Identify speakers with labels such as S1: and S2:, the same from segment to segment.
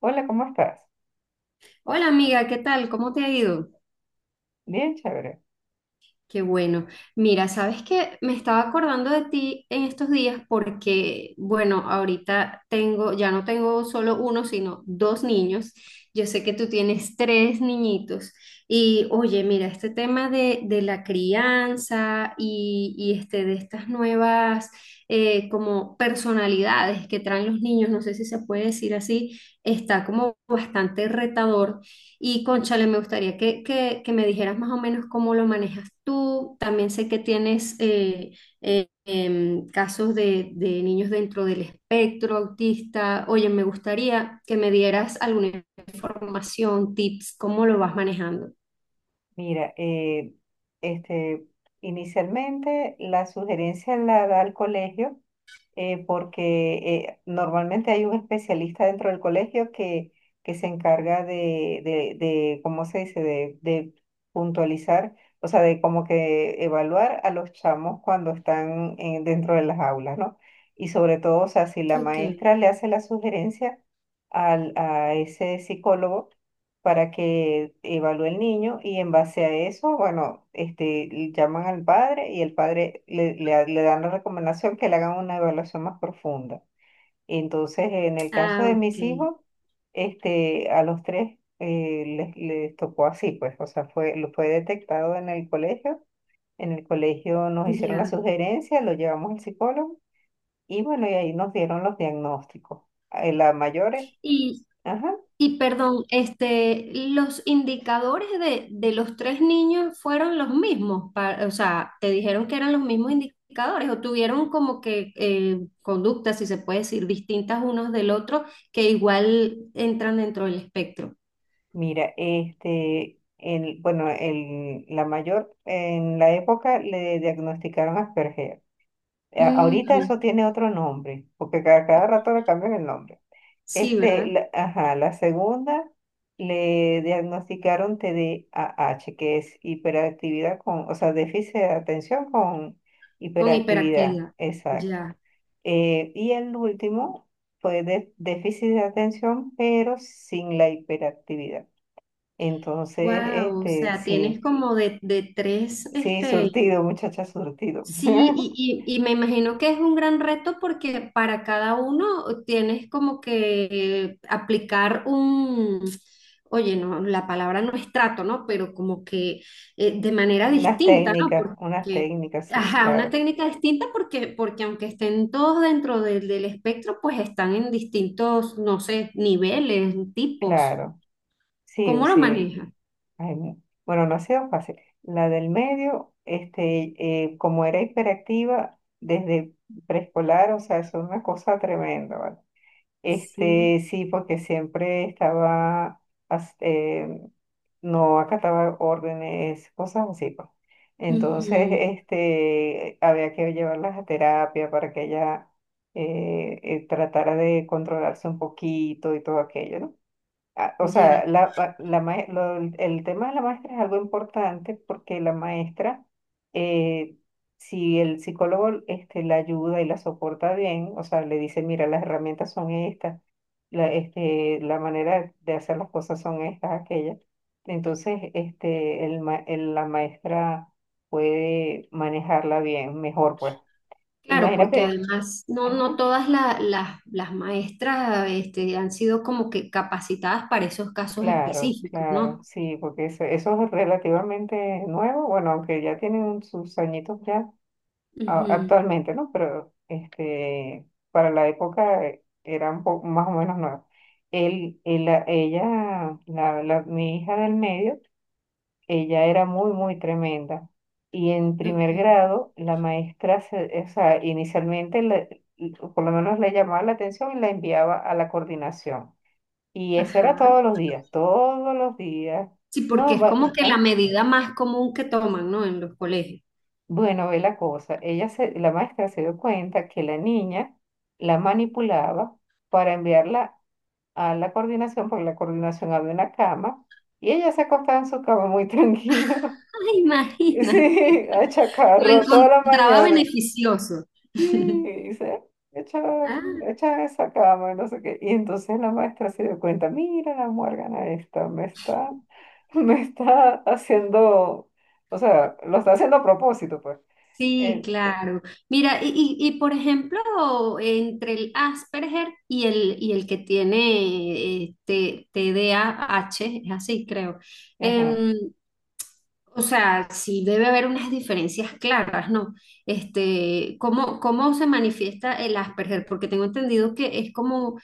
S1: Hola, ¿cómo estás?
S2: Hola amiga, ¿qué tal? ¿Cómo te ha ido?
S1: Bien, chévere.
S2: Qué bueno. Mira, sabes que me estaba acordando de ti en estos días porque, bueno, ahorita tengo, ya no tengo solo uno, sino dos niños. Yo sé que tú tienes tres niñitos. Y oye, mira, este tema de la crianza y de estas nuevas como personalidades que traen los niños, no sé si se puede decir así, está como bastante retador. Y cónchale, me gustaría que me dijeras más o menos cómo lo manejas tú. También sé que tienes casos de niños dentro del espectro autista. Oye, me gustaría que me dieras alguna información, tips, cómo lo vas manejando.
S1: Mira, este, inicialmente la sugerencia la da el colegio porque normalmente hay un especialista dentro del colegio que se encarga de, ¿cómo se dice?, de puntualizar, o sea, de como que evaluar a los chamos cuando están dentro de las aulas, ¿no? Y sobre todo, o sea, si la
S2: Ok,
S1: maestra le hace la sugerencia a ese psicólogo, para que evalúe el niño y en base a eso, bueno, este, llaman al padre y el padre le dan la recomendación que le hagan una evaluación más profunda. Entonces, en el caso
S2: ah,
S1: de mis
S2: ok,
S1: hijos, este, a los tres les tocó así, pues, o sea, fue, lo fue detectado en el colegio. En el colegio nos hicieron la
S2: ya.
S1: sugerencia, lo llevamos al psicólogo y bueno, y ahí nos dieron los diagnósticos. La mayores, ajá.
S2: Y perdón, este, los indicadores de los tres niños fueron los mismos, o sea, te dijeron que eran los mismos indicadores o tuvieron como que conductas, si se puede decir, distintas unos del otro, que igual entran dentro del espectro.
S1: Mira, bueno, el, la mayor en la época le diagnosticaron Asperger. Ahorita eso
S2: Ujú.
S1: tiene otro nombre, porque cada rato le cambian el nombre.
S2: Sí,
S1: Este,
S2: ¿verdad?
S1: la, ajá, la segunda le diagnosticaron TDAH, que es hiperactividad con, o sea, déficit de atención con
S2: Con
S1: hiperactividad,
S2: hiperactividad.
S1: exacto.
S2: Ya.
S1: Y el último fue déficit de atención, pero sin la hiperactividad. Entonces,
S2: Wow, o
S1: este,
S2: sea, tienes
S1: sí,
S2: como de tres,
S1: sí,
S2: este,
S1: surtido, muchacha, surtido.
S2: sí. Y me imagino que es un gran reto porque para cada uno tienes como que aplicar un, oye, no, la palabra no es trato, ¿no? Pero como que de manera distinta, ¿no?
S1: Unas
S2: Porque,
S1: técnicas, sí,
S2: ajá, una
S1: claro,
S2: técnica distinta porque, porque aunque estén todos dentro del espectro, pues están en distintos, no sé, niveles, tipos.
S1: claro. Sí,
S2: ¿Cómo lo
S1: sí.
S2: maneja?
S1: Ay, no. Bueno, no ha sido fácil. La del medio, este, como era hiperactiva desde preescolar, o sea, es una cosa tremenda, ¿vale?
S2: Sí.
S1: Este, sí, porque siempre estaba, as- eh, no acataba órdenes, cosas así, pues. Entonces,
S2: Ujú.
S1: este, había que llevarlas a terapia para que ella tratara de controlarse un poquito y todo aquello, ¿no? Ah, o sea,
S2: Ya.
S1: el tema de la maestra es algo importante porque la maestra, eh, si el psicólogo este, la ayuda y la soporta bien, o sea, le dice, mira, las herramientas son estas, este, la manera de hacer las cosas son estas, aquellas, entonces este, la maestra puede manejarla bien, mejor pues.
S2: Claro, porque
S1: Imagínate.
S2: además no, no todas las maestras este, han sido como que capacitadas para esos casos
S1: Claro,
S2: específicos,
S1: claro,
S2: ¿no?
S1: sí, porque eso es relativamente nuevo, bueno, aunque ya tienen sus añitos ya
S2: Ujú,
S1: actualmente, ¿no? Pero este, para la época era un poco más o menos nuevo. Ella, mi hija del medio, ella era muy, muy tremenda. Y en
S2: ok.
S1: primer grado, la maestra, o sea, inicialmente, por lo menos le llamaba la atención y la enviaba a la coordinación y eso
S2: Ajá.
S1: era todos los días, todos los días.
S2: Sí, porque
S1: No,
S2: es como que la medida más común que toman, ¿no? En los colegios.
S1: bueno, ve la cosa. La maestra se dio cuenta que la niña la manipulaba para enviarla a la coordinación, porque en la coordinación había una cama, y ella se acostaba en su cama muy tranquila,
S2: Ay, imagínate.
S1: sí, a
S2: Lo
S1: chacarro toda la
S2: encontraba
S1: mañana.
S2: beneficioso.
S1: Y dice, echa,
S2: Ah.
S1: echa esa cama, y no sé qué. Y entonces la maestra se dio cuenta, mira la muérgana esta, me está haciendo, o sea, lo está haciendo a propósito, pues.
S2: Sí,
S1: Eh, eh,
S2: claro. Mira, y por ejemplo, entre el Asperger y el que tiene TDAH, es así, creo.
S1: ajá.
S2: Em, o sea, sí debe haber unas diferencias claras, ¿no? Este, ¿cómo, cómo se manifiesta el Asperger? Porque tengo entendido que es como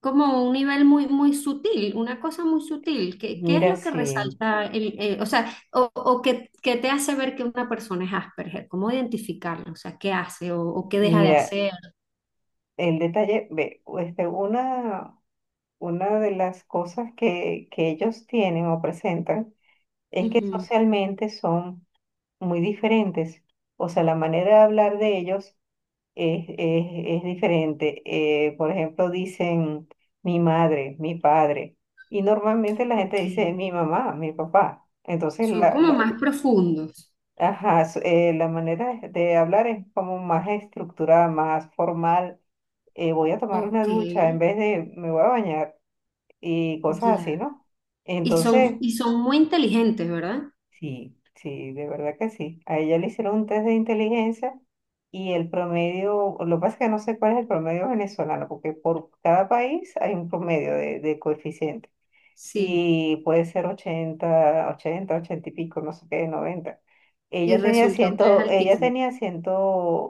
S2: como un nivel muy, muy sutil, una cosa muy sutil. ¿Qué, qué es
S1: Mira,
S2: lo que
S1: sí,
S2: resalta el, o sea, o que te hace ver que una persona es Asperger? ¿Cómo identificarlo? O sea, ¿qué hace o qué deja de
S1: mira,
S2: hacer?
S1: el detalle, ve, una de las cosas que ellos tienen o presentan es que
S2: Ujú.
S1: socialmente son muy diferentes. O sea, la manera de hablar de ellos es, es, es diferente. Por ejemplo, dicen mi madre, mi padre, y normalmente la gente
S2: Ok.
S1: dice mi mamá, mi papá. Entonces,
S2: Son como más profundos.
S1: ajá, la manera de hablar es como más estructurada, más formal. Voy a tomar una
S2: Ok,
S1: ducha en vez de me voy a bañar y cosas
S2: ya.
S1: así, ¿no? Entonces,
S2: Y son muy inteligentes, ¿verdad?
S1: sí, sí, de verdad que sí. A ella le hicieron un test de inteligencia y el promedio, lo que pasa es que no sé cuál es el promedio venezolano, porque por cada país hay un promedio de coeficiente
S2: Sí.
S1: y puede ser 80 y pico, no sé qué, 90.
S2: Y
S1: Ella tenía
S2: resultó
S1: 100,
S2: que es
S1: ella
S2: altísimo.
S1: tenía cien,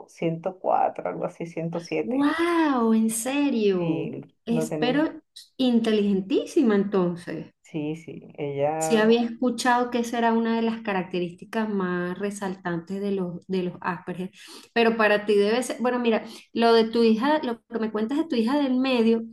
S1: ciento cuatro, algo así, 107.
S2: ¡Wow! ¿En serio?
S1: Sí, lo tenía.
S2: Espero inteligentísima entonces.
S1: Sí, sí,
S2: Sí
S1: ella
S2: había escuchado que esa era una de las características más resaltantes de los Asperger, pero para ti debe ser, bueno, mira, lo de tu hija, lo que me cuentas de tu hija del medio,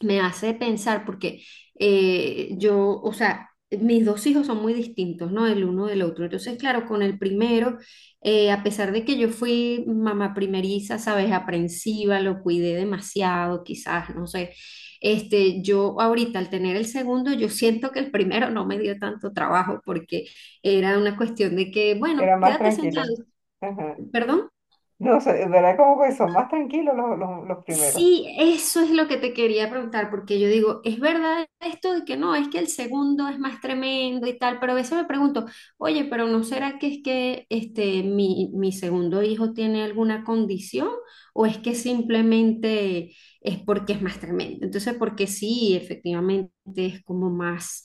S2: me hace pensar porque yo, o sea, mis dos hijos son muy distintos, ¿no? El uno del otro. Entonces, claro, con el primero, a pesar de que yo fui mamá primeriza, sabes, aprensiva, lo cuidé demasiado, quizás, no sé. Este, yo ahorita al tener el segundo, yo siento que el primero no me dio tanto trabajo porque era una cuestión de que, bueno,
S1: era más
S2: quédate sentado,
S1: tranquila. Ajá.
S2: perdón.
S1: No sé, es verdad como que son más tranquilos los primeros.
S2: Sí, eso es lo que te quería preguntar, porque yo digo, ¿es verdad esto de que no, es que el segundo es más tremendo y tal? Pero a veces me pregunto, oye, pero ¿no será que es que este, mi segundo hijo tiene alguna condición o es que simplemente es porque es más tremendo? Entonces, porque sí, efectivamente es como más,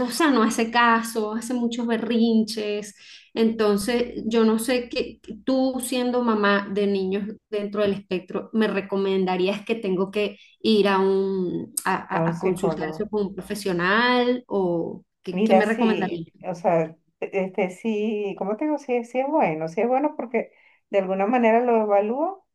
S2: o sea, no hace caso, hace muchos berrinches, entonces, yo no sé qué, tú siendo mamá de niños dentro del espectro, ¿me recomendarías que tengo que ir a un
S1: A un
S2: a consultar eso
S1: psicólogo.
S2: con un profesional o qué, qué
S1: Mira,
S2: me
S1: sí,
S2: recomendarías?
S1: o sea, este sí, ¿cómo te digo? Sí, sí es bueno porque de alguna manera lo evalúo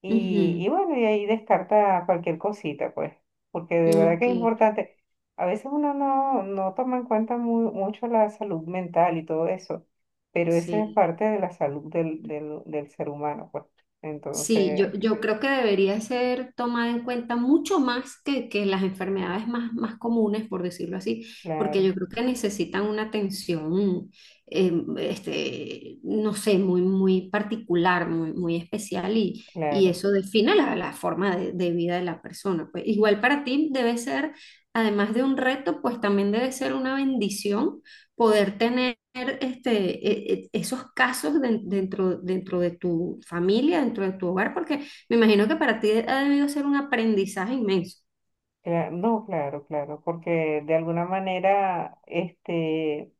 S1: y bueno, y ahí descarta cualquier cosita, pues, porque de
S2: Ujú,
S1: verdad que
S2: ok,
S1: es importante. A veces uno no, no toma en cuenta mucho la salud mental y todo eso, pero esa es
S2: sí.
S1: parte de la salud del ser humano, pues.
S2: Sí, yo,
S1: Entonces,
S2: yo creo que debería ser tomada en cuenta mucho más que las enfermedades más, más comunes, por decirlo así, porque
S1: claro.
S2: yo creo que necesitan una atención, eh, no sé, muy, muy particular, muy, muy especial y
S1: Claro,
S2: eso define la, la forma de vida de la persona. Pues igual para ti debe ser, además de un reto, pues también debe ser una bendición poder tener este, esos casos dentro, dentro de tu familia, dentro de tu hogar, porque me imagino que para ti ha debido ser un aprendizaje inmenso.
S1: no, claro, claro, porque de alguna manera, este,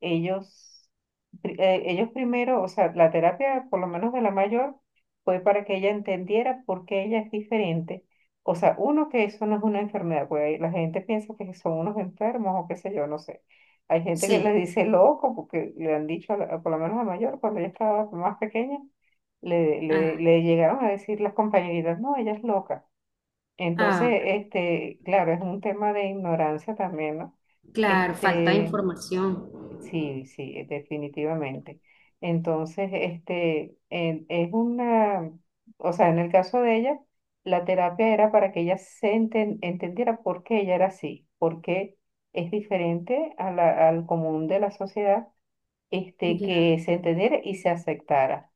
S1: ellos, ellos primero, o sea, la terapia, por lo menos de la mayor, fue para que ella entendiera por qué ella es diferente. O sea, uno, que eso no es una enfermedad, porque la gente piensa que son unos enfermos o qué sé yo, no sé. Hay gente que le
S2: Sí,
S1: dice loco porque le han dicho, por lo menos a la mayor, cuando ella estaba más pequeña,
S2: ah,
S1: le llegaron a decir las compañeritas, no, ella es loca. Entonces,
S2: ah,
S1: este, claro, es un tema de ignorancia también, ¿no?
S2: claro, falta de
S1: Este,
S2: información.
S1: sí, sí, definitivamente. Entonces, este, es una, o sea, en el caso de ella, la terapia era para que ella entendiera por qué ella era así, por qué es diferente a al común de la sociedad, este,
S2: Ya.
S1: que se entendiera y se aceptara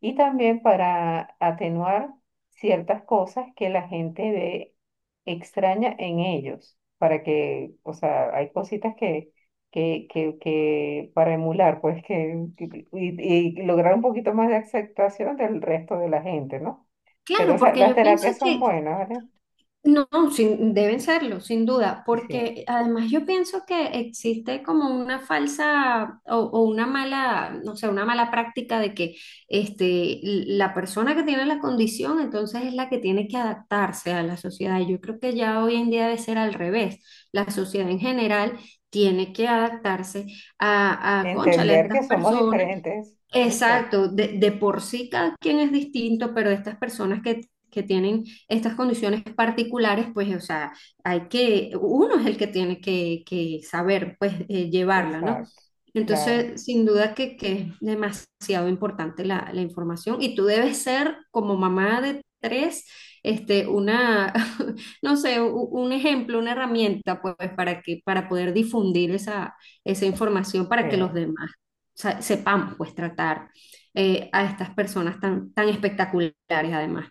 S1: y también para atenuar ciertas cosas que la gente ve extraña en ellos, para que, o sea, hay cositas que para emular, pues, y lograr un poquito más de aceptación del resto de la gente, ¿no? Pero,
S2: Claro,
S1: o sea,
S2: porque
S1: las
S2: yo pienso
S1: terapias son
S2: que,
S1: buenas, ¿vale?
S2: no, deben serlo, sin duda,
S1: Y sí,
S2: porque además yo pienso que existe como una falsa o una mala, no sé, una mala práctica de que este, la persona que tiene la condición entonces es la que tiene que adaptarse a la sociedad. Y yo creo que ya hoy en día debe ser al revés. La sociedad en general tiene que adaptarse a cónchale, a
S1: entender
S2: estas
S1: que somos
S2: personas.
S1: diferentes, exacto,
S2: Exacto, de por sí cada quien es distinto, pero estas personas que tienen estas condiciones particulares, pues, o sea, hay que, uno es el que tiene que saber, pues, llevarla, ¿no?
S1: exacto, claro,
S2: Entonces, sin duda que es demasiado importante la, la información y tú debes ser como mamá de tres, este, una, no sé, un ejemplo, una herramienta, pues, para que, para poder difundir esa, esa información para
S1: sí.
S2: que los demás sepamos pues tratar a estas personas tan, tan espectaculares además.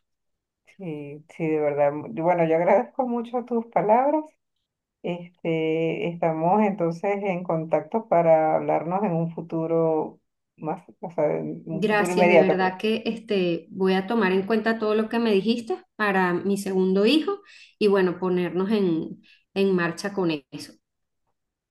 S1: Sí, sí, de verdad. Bueno, yo agradezco mucho tus palabras. Este, estamos entonces en contacto para hablarnos en un futuro más, o sea, en un futuro
S2: Gracias, de
S1: inmediato,
S2: verdad
S1: pues.
S2: que este, voy a tomar en cuenta todo lo que me dijiste para mi segundo hijo y bueno, ponernos en marcha con eso.